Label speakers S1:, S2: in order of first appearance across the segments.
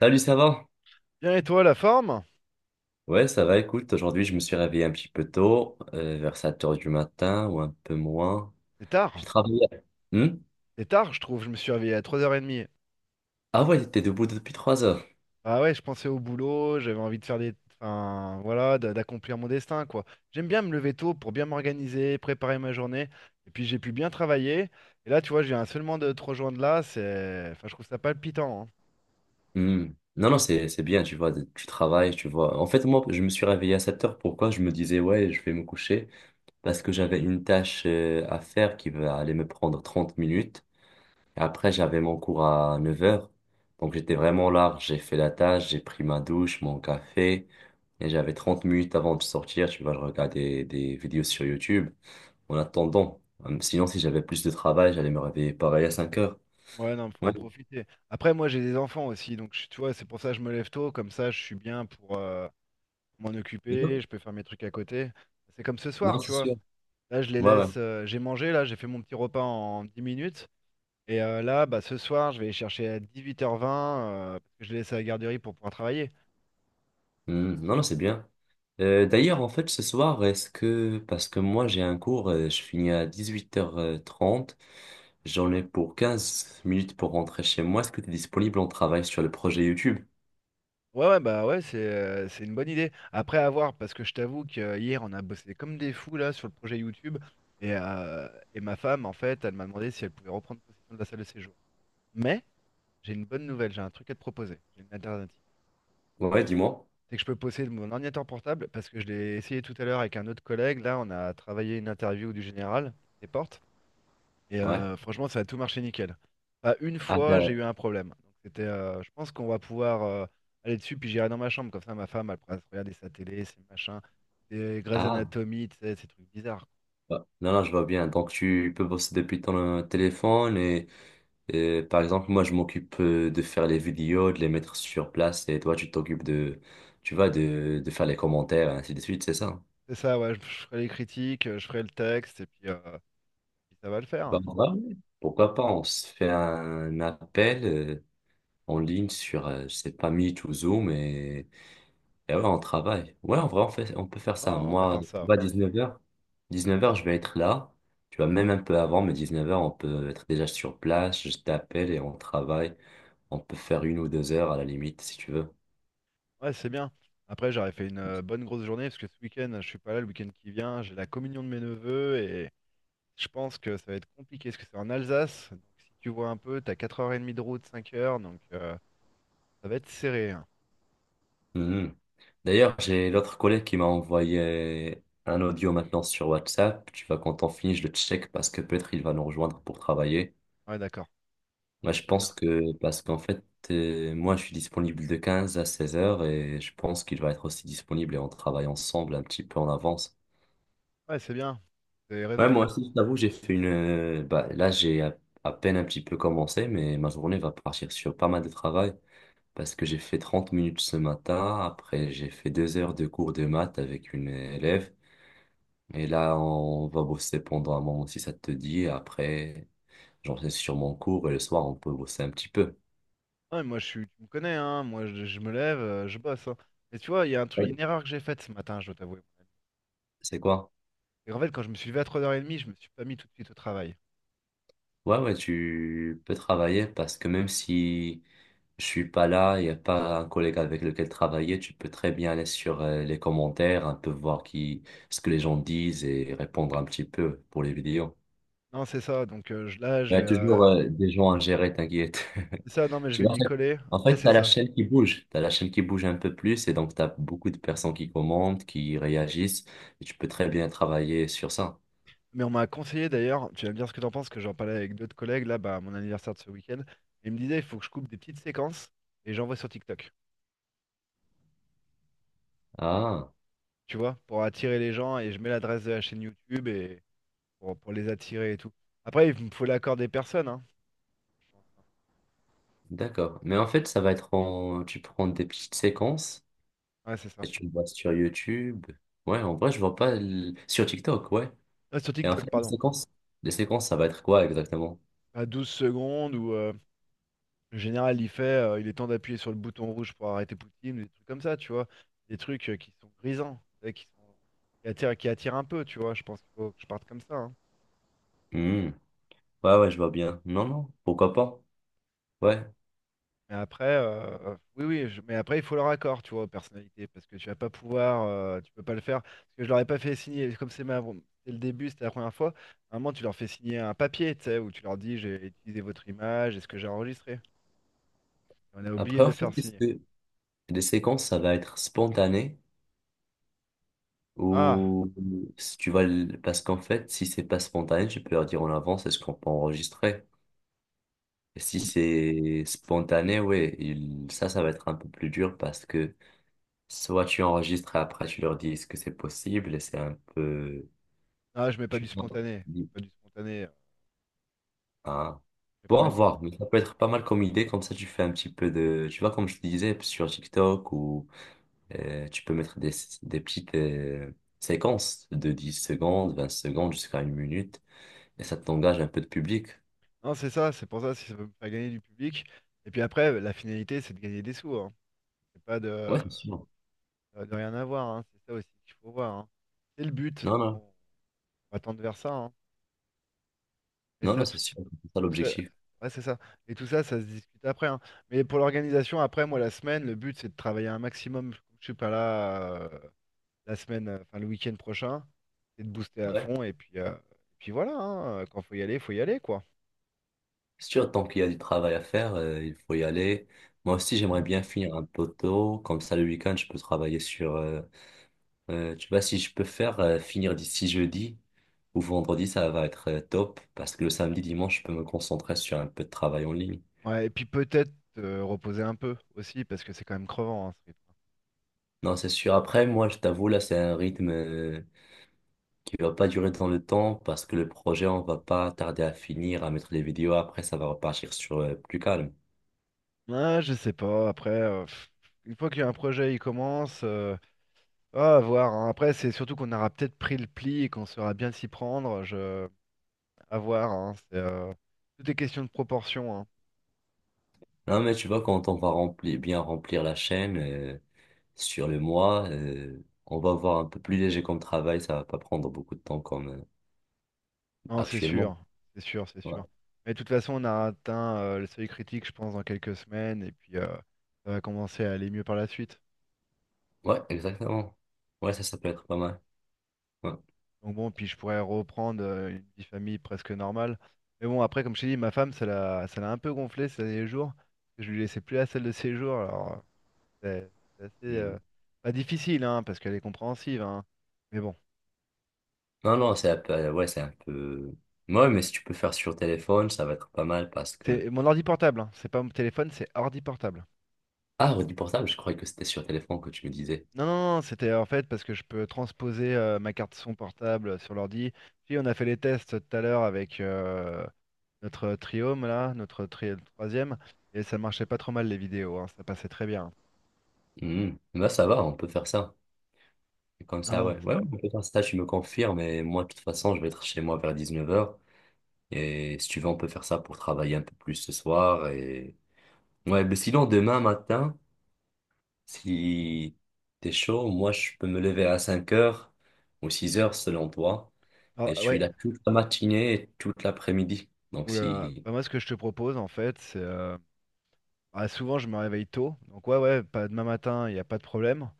S1: Salut, ça va?
S2: Bien, et toi, la forme?
S1: Ouais, ça va, écoute, aujourd'hui je me suis réveillé un petit peu tôt, vers 7 heures du matin ou un peu moins.
S2: C'est tard.
S1: J'ai travaillé. Hmm.
S2: C'est tard, je trouve. Je me suis réveillé à 3h30.
S1: Ah ouais, t'étais debout depuis 3 heures.
S2: Ah ouais, je pensais au boulot, j'avais envie de faire des... Enfin, voilà, d'accomplir mon destin, quoi. J'aime bien me lever tôt pour bien m'organiser, préparer ma journée. Et puis, j'ai pu bien travailler. Et là, tu vois, je viens seulement de te rejoindre là. C'est... Enfin, je trouve ça palpitant, hein.
S1: Hmm. Non, non, c'est bien, tu vois, tu travailles, tu vois. En fait, moi, je me suis réveillé à 7 heures. Pourquoi? Je me disais, ouais, je vais me coucher parce que j'avais une tâche à faire qui va aller me prendre 30 minutes. Et après, j'avais mon cours à 9 heures, donc j'étais vraiment large. J'ai fait la tâche, j'ai pris ma douche, mon café. Et j'avais 30 minutes avant de sortir. Tu vois, je regardais des vidéos sur YouTube en attendant. Sinon, si j'avais plus de travail, j'allais me réveiller pareil à 5 heures.
S2: Ouais, non, faut
S1: Ouais.
S2: en profiter. Après, moi, j'ai des enfants aussi. Donc, tu vois, c'est pour ça que je me lève tôt. Comme ça, je suis bien pour m'en occuper.
S1: Non,
S2: Je peux faire mes trucs à côté. C'est comme ce soir,
S1: non,
S2: tu
S1: c'est
S2: vois.
S1: sûr.
S2: Là, je les
S1: Ouais, ouais.
S2: laisse. J'ai mangé, là, j'ai fait mon petit repas en 10 minutes. Et là, bah, ce soir, je vais les chercher à 18h20, parce que je les laisse à la garderie pour pouvoir travailler.
S1: Non, non, c'est bien. D'ailleurs, en fait, ce soir, est-ce que... Parce que moi, j'ai un cours, je finis à dix-huit heures trente. J'en ai pour 15 minutes pour rentrer chez moi. Est-ce que tu es disponible? On travaille sur le projet YouTube.
S2: Ouais, ouais, bah ouais, c'est une bonne idée. Après, à voir, parce que je t'avoue que hier, on a bossé comme des fous, là, sur le projet YouTube. Et, euh, et ma femme, en fait, elle m'a demandé si elle pouvait reprendre possession de la salle de séjour. Mais j'ai une bonne nouvelle, j'ai un truc à te proposer. J'ai une alternative.
S1: Ouais, dis-moi.
S2: C'est que je peux posséder mon ordinateur portable, parce que je l'ai essayé tout à l'heure avec un autre collègue. Là, on a travaillé une interview du général des portes. Et
S1: Ouais.
S2: franchement, ça a tout marché nickel. Pas une
S1: Ah,
S2: fois, j'ai eu un problème. Donc, c'était, je pense qu'on va pouvoir aller dessus, puis j'irai dans ma chambre. Comme ça, ma femme, elle pourra se regarder sa télé, ses machins, ses Grey's
S1: ah.
S2: Anatomy, tu sais, ces trucs bizarres.
S1: Ouais. Non, non, je vois bien. Donc, tu peux bosser depuis ton téléphone et, par exemple, moi, je m'occupe de faire les vidéos, de les mettre sur place et toi, tu t'occupes de, tu vois, de faire les commentaires et ainsi de suite, c'est ça?
S2: C'est ça, ouais, je ferai les critiques, je ferai le texte, et puis, puis ça va le
S1: Bah,
S2: faire.
S1: ouais. Pourquoi pas? On se fait un appel en ligne sur, je sais pas, Meet ou Zoom et ouais, on travaille. Ouais, en vrai, on fait, on peut faire ça.
S2: Non, on va
S1: Moi,
S2: faire ça.
S1: on
S2: Ouais,
S1: va à 19h. 19h, je vais être là. Tu vois, même un peu avant, mais 19h, on peut être déjà sur place. Je t'appelle et on travaille. On peut faire une ou 2 heures à la limite, si tu veux.
S2: ouais, c'est bien. Après, j'aurais fait une bonne grosse journée, parce que ce week-end, je suis pas là, le week-end qui vient, j'ai la communion de mes neveux. Je pense que ça va être compliqué parce que c'est en Alsace. Donc si tu vois un peu, t'as 4h30 de route, 5 heures. Donc ça va être serré, hein.
S1: Mhm. D'ailleurs, j'ai l'autre collègue qui m'a envoyé un audio maintenant sur WhatsApp. Tu vois, quand on finit, je le check parce que peut-être il va nous rejoindre pour travailler.
S2: Ouais, d'accord. Ah,
S1: Moi,
S2: mais
S1: je
S2: c'est bien.
S1: pense que, parce qu'en fait, moi, je suis disponible de 15 à 16 heures et je pense qu'il va être aussi disponible et on travaille ensemble un petit peu en avance.
S2: Ouais, c'est bien. Vous avez raison
S1: Ouais,
S2: de
S1: moi
S2: prendre.
S1: aussi, je t'avoue, j'ai fait une. Bah, là, j'ai à peine un petit peu commencé, mais ma journée va partir sur pas mal de travail parce que j'ai fait 30 minutes ce matin. Après, j'ai fait 2 heures de cours de maths avec une élève. Et là, on va bosser pendant un moment si ça te dit. Après, j'en sais sur mon cours et le soir, on peut bosser un petit peu.
S2: Ouais, moi je suis. Tu me connais, hein. Moi je me lève, je bosse, hein. Mais tu vois, il y a un truc,
S1: Ouais.
S2: une erreur que j'ai faite ce matin, je dois t'avouer, mon ami.
S1: C'est quoi?
S2: Et en fait, quand je me suis levé à 3h30, je me suis pas mis tout de suite au travail.
S1: Ouais, ouais, tu peux travailler parce que même si je suis pas là, il n'y a pas un collègue avec lequel travailler, tu peux très bien aller sur les commentaires, un peu voir qui, ce que les gens disent et répondre un petit peu pour les vidéos.
S2: Non, c'est ça. Donc là,
S1: Il
S2: je
S1: y
S2: vais.
S1: a toujours des gens à gérer, t'inquiète.
S2: C'est ça, non, mais je
S1: Je
S2: vais m'y
S1: sais pas.
S2: coller.
S1: En fait,
S2: Ouais,
S1: tu
S2: c'est
S1: as la
S2: ça.
S1: chaîne qui bouge, tu as la chaîne qui bouge un peu plus et donc tu as beaucoup de personnes qui commentent, qui réagissent et tu peux très bien travailler sur ça.
S2: Mais on m'a conseillé d'ailleurs, tu vas me dire ce que t'en penses, que j'en parlais avec d'autres collègues là, bah, à mon anniversaire de ce week-end. Ils me disaient, il faut que je coupe des petites séquences et j'envoie sur TikTok,
S1: Ah,
S2: tu vois, pour attirer les gens et je mets l'adresse de la chaîne YouTube et pour les attirer et tout. Après, il me faut l'accord des personnes, hein.
S1: d'accord. Mais en fait, ça va être en... Tu prends des petites séquences.
S2: Ouais, c'est ça.
S1: Tu le vois sur YouTube. Ouais, en vrai, je vois pas sur TikTok, ouais.
S2: Ah, sur
S1: Et en
S2: TikTok,
S1: fait,
S2: pardon.
S1: les séquences, ça va être quoi exactement?
S2: À 12 secondes où le général il fait, il est temps d'appuyer sur le bouton rouge pour arrêter Poutine, ou des trucs comme ça, tu vois. Des trucs qui sont grisants, tu sais, qui sont, qui attirent un peu, tu vois. Je pense qu'il faut que je parte comme ça, hein.
S1: Hmm. Ouais, ouais, je vois bien. Non, non, pourquoi pas? Ouais.
S2: Mais après, oui, oui, mais après, il faut leur accord, tu vois, aux personnalités, parce que tu vas pas pouvoir, tu peux pas le faire, parce que je leur ai pas fait signer, comme c'est ma, bon, c'est le début, c'était la première fois, à un moment, tu leur fais signer un papier, tu sais, où tu leur dis, j'ai utilisé votre image, est-ce que j'ai enregistré? Et on a oublié
S1: Après,
S2: de
S1: en
S2: le
S1: fait,
S2: faire
S1: est-ce
S2: signer.
S1: que les séquences, ça va être spontané
S2: Ah,
S1: ou si tu vas parce qu'en fait, si c'est pas spontané, tu peux leur dire en avance est-ce qu'on peut enregistrer. Et si
S2: on-
S1: c'est spontané, ouais, ça, ça va être un peu plus dur parce que soit tu enregistres et après tu leur dis est-ce que c'est possible et c'est un peu.
S2: je mets pas du
S1: Tu vois,
S2: spontané,
S1: tu dis,
S2: pas du spontané, euh,
S1: ah.
S2: je vais pas
S1: Bon, à
S2: mettre...
S1: voir, mais ça peut être pas mal comme idée, comme ça tu fais un petit peu de, tu vois, comme je te disais, sur TikTok, ou tu peux mettre des, petites séquences de 10 secondes, 20 secondes, jusqu'à une minute, et ça t'engage un peu de public.
S2: Non, c'est ça, c'est pour ça, si ça veut me faire gagner du public, et puis après, la finalité, c'est de gagner des sous, hein. C'est pas de,
S1: Ouais, c'est sûr.
S2: de rien avoir, hein. C'est ça aussi qu'il faut voir, hein. C'est le but,
S1: Non,
S2: donc on...
S1: non,
S2: On va tendre vers ça, hein. Et
S1: non, non,
S2: ça, tout,
S1: c'est sûr, c'est ça
S2: tout ça,
S1: l'objectif.
S2: ouais, c'est ça. Et tout ça, ça se discute après, hein. Mais pour l'organisation, après, moi, la semaine, le but, c'est de travailler un maximum. Comme je suis pas là la semaine, enfin le week-end prochain, c'est de booster à
S1: Ouais.
S2: fond. Et puis, puis voilà, hein. Quand faut y aller, quoi.
S1: C'est sûr, tant qu'il y a du travail à faire, il faut y aller. Moi aussi, j'aimerais bien finir un poteau, comme ça le week-end, je peux travailler sur. Tu vois, si je peux faire finir d'ici jeudi ou vendredi, ça va être top parce que le samedi, dimanche, je peux me concentrer sur un peu de travail en ligne.
S2: Ouais, et puis peut-être reposer un peu aussi, parce que c'est quand même crevant, hein, ce rythme.
S1: Non, c'est sûr. Après, moi, je t'avoue, là, c'est un rythme qui va pas durer dans le temps parce que le projet, on va pas tarder à finir, à mettre les vidéos. Après, ça va repartir sur plus calme.
S2: Ouais, je sais pas. Après, une fois qu'il y a un projet, il commence. Ah, à voir, hein. Après, c'est surtout qu'on aura peut-être pris le pli et qu'on saura bien s'y prendre. Je... À voir, hein, c'est, tout est question de proportion, hein.
S1: Non, mais tu vois, quand on va remplir, bien remplir la chaîne sur le mois, on va avoir un peu plus léger comme travail. Ça va pas prendre beaucoup de temps comme
S2: Non, c'est
S1: actuellement.
S2: sûr, c'est sûr, c'est
S1: Ouais.
S2: sûr. Mais de toute façon, on a atteint le seuil critique, je pense, dans quelques semaines, et puis ça va commencer à aller mieux par la suite.
S1: Ouais, exactement. Ouais, ça peut être pas mal. Ouais.
S2: Donc bon, puis je pourrais reprendre une vie de famille presque normale. Mais bon, après, comme je t'ai dit, ma femme, ça l'a un peu gonflé ces derniers jours, parce que je lui laissais plus la salle de séjour, alors c'est c'est assez,
S1: Mm.
S2: pas difficile, hein, parce qu'elle est compréhensive, hein. Mais bon,
S1: Non, non, c'est un peu, ouais, c'est un peu. Ouais, mais si tu peux faire sur téléphone, ça va être pas mal parce que.
S2: c'est mon ordi portable, hein, c'est pas mon téléphone, c'est ordi portable.
S1: Ah, redis portable, je croyais que c'était sur téléphone que tu me disais.
S2: Non, non, non, c'était en fait parce que je peux transposer ma carte son portable sur l'ordi. Puis on a fait les tests tout à l'heure avec notre triome là, troisième, et ça marchait pas trop mal les vidéos, hein, ça passait très bien.
S1: Mm. Bah, ça va, on peut faire ça. Comme ça,
S2: Hein.
S1: ouais. Ouais, on peut faire ça, tu me confirmes. Et moi, de toute façon, je vais être chez moi vers 19h. Et si tu veux, on peut faire ça pour travailler un peu plus ce soir. Et... Ouais, mais sinon, demain matin, si t'es chaud, moi, je peux me lever à 5 heures ou 6 heures selon toi.
S2: Ah,
S1: Et je suis
S2: ouais,
S1: là toute la matinée et toute l'après-midi. Donc
S2: oulala.
S1: si...
S2: Bah, moi ce que je te propose en fait, c'est ah, souvent, je me réveille tôt. Donc, ouais, ouais, pas demain matin, il n'y a pas de problème.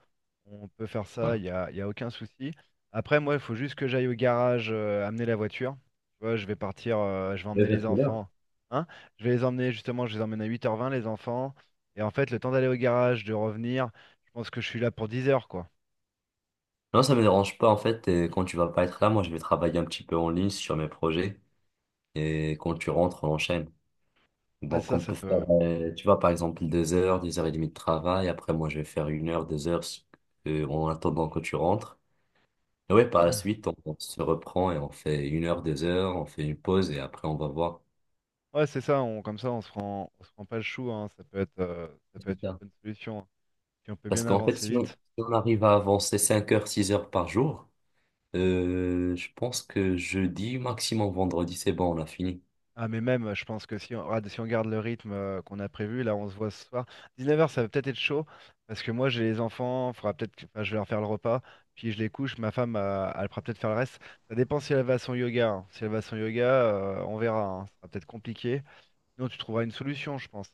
S2: On peut faire ça,
S1: Ouais.
S2: y a aucun souci. Après, moi, il faut juste que j'aille au garage amener la voiture. Tu vois, je vais partir, je vais
S1: Mais
S2: emmener
S1: vers
S2: les
S1: quelle heure?
S2: enfants. Hein? Je vais les emmener, justement, je les emmène à 8h20 les enfants. Et en fait, le temps d'aller au garage, de revenir, je pense que je suis là pour 10 heures quoi.
S1: Non, ça me dérange pas en fait. Et quand tu vas pas être là, moi je vais travailler un petit peu en ligne sur mes projets. Et quand tu rentres, on enchaîne.
S2: Ouais,
S1: Donc
S2: ça,
S1: on
S2: ça
S1: peut faire,
S2: peut.
S1: tu vois, par exemple, 2 heures, deux heures et demie de travail. Après, moi je vais faire une heure, deux heures en attendant que tu rentres. Et ouais, par la
S2: Ouais,
S1: suite, on se reprend et on fait une heure, deux heures, on fait une pause et après on va voir.
S2: ouais, c'est ça, comme ça, on se prend pas le chou, hein. Ça peut
S1: C'est
S2: être une
S1: ça.
S2: bonne solution, hein. Si on peut
S1: Parce
S2: bien
S1: qu'en fait,
S2: avancer
S1: si on, si
S2: vite.
S1: on arrive à avancer 5 heures, 6 heures par jour, je pense que jeudi, maximum vendredi, c'est bon, on a fini.
S2: Ah mais même, je pense que si on garde le rythme qu'on a prévu, là on se voit ce soir. 19h ça va peut-être être chaud, parce que moi j'ai les enfants, enfin, je vais leur faire le repas, puis je les couche, ma femme elle fera peut-être faire le reste. Ça dépend si elle va à son yoga, hein. Si elle va à son yoga, on verra, hein. Ça sera peut-être compliqué. Sinon tu trouveras une solution, je pense.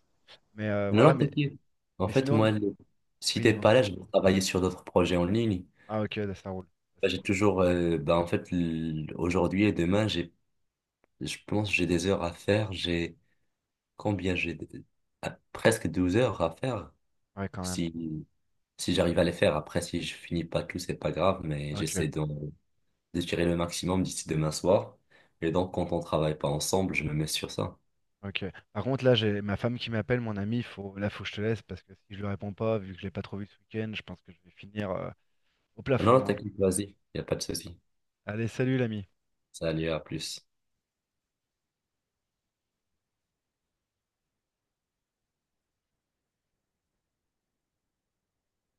S2: Mais
S1: Non,
S2: voilà,
S1: non, t'inquiète. En
S2: mais
S1: fait,
S2: sinon,
S1: moi, si
S2: oui
S1: t'es
S2: dis-moi.
S1: pas là, je vais travailler sur d'autres projets en ligne.
S2: Ah ok, ouais, ça roule. Ça,
S1: Bah,
S2: c'est
S1: j'ai
S2: cool.
S1: toujours, bah, en fait, aujourd'hui et demain, j'ai, je pense, que j'ai des heures à faire. J'ai combien? J'ai presque 12 heures à faire.
S2: Ouais quand même.
S1: Si, si j'arrive à les faire, après, si je finis pas tout, c'est pas grave, mais
S2: Ok.
S1: j'essaie de, tirer le maximum d'ici demain soir. Et donc, quand on travaille pas ensemble, je me mets sur ça.
S2: Ok. Par contre, là, j'ai ma femme qui m'appelle, mon ami. Faut... Là, faut que je te laisse parce que si je lui réponds pas, vu que je l'ai pas trop vu ce week-end, je pense que je vais finir au
S1: Non, non,
S2: plafond, hein.
S1: t'inquiète, vas-y, il n'y a pas de souci.
S2: Allez, salut l'ami.
S1: Salut, à plus.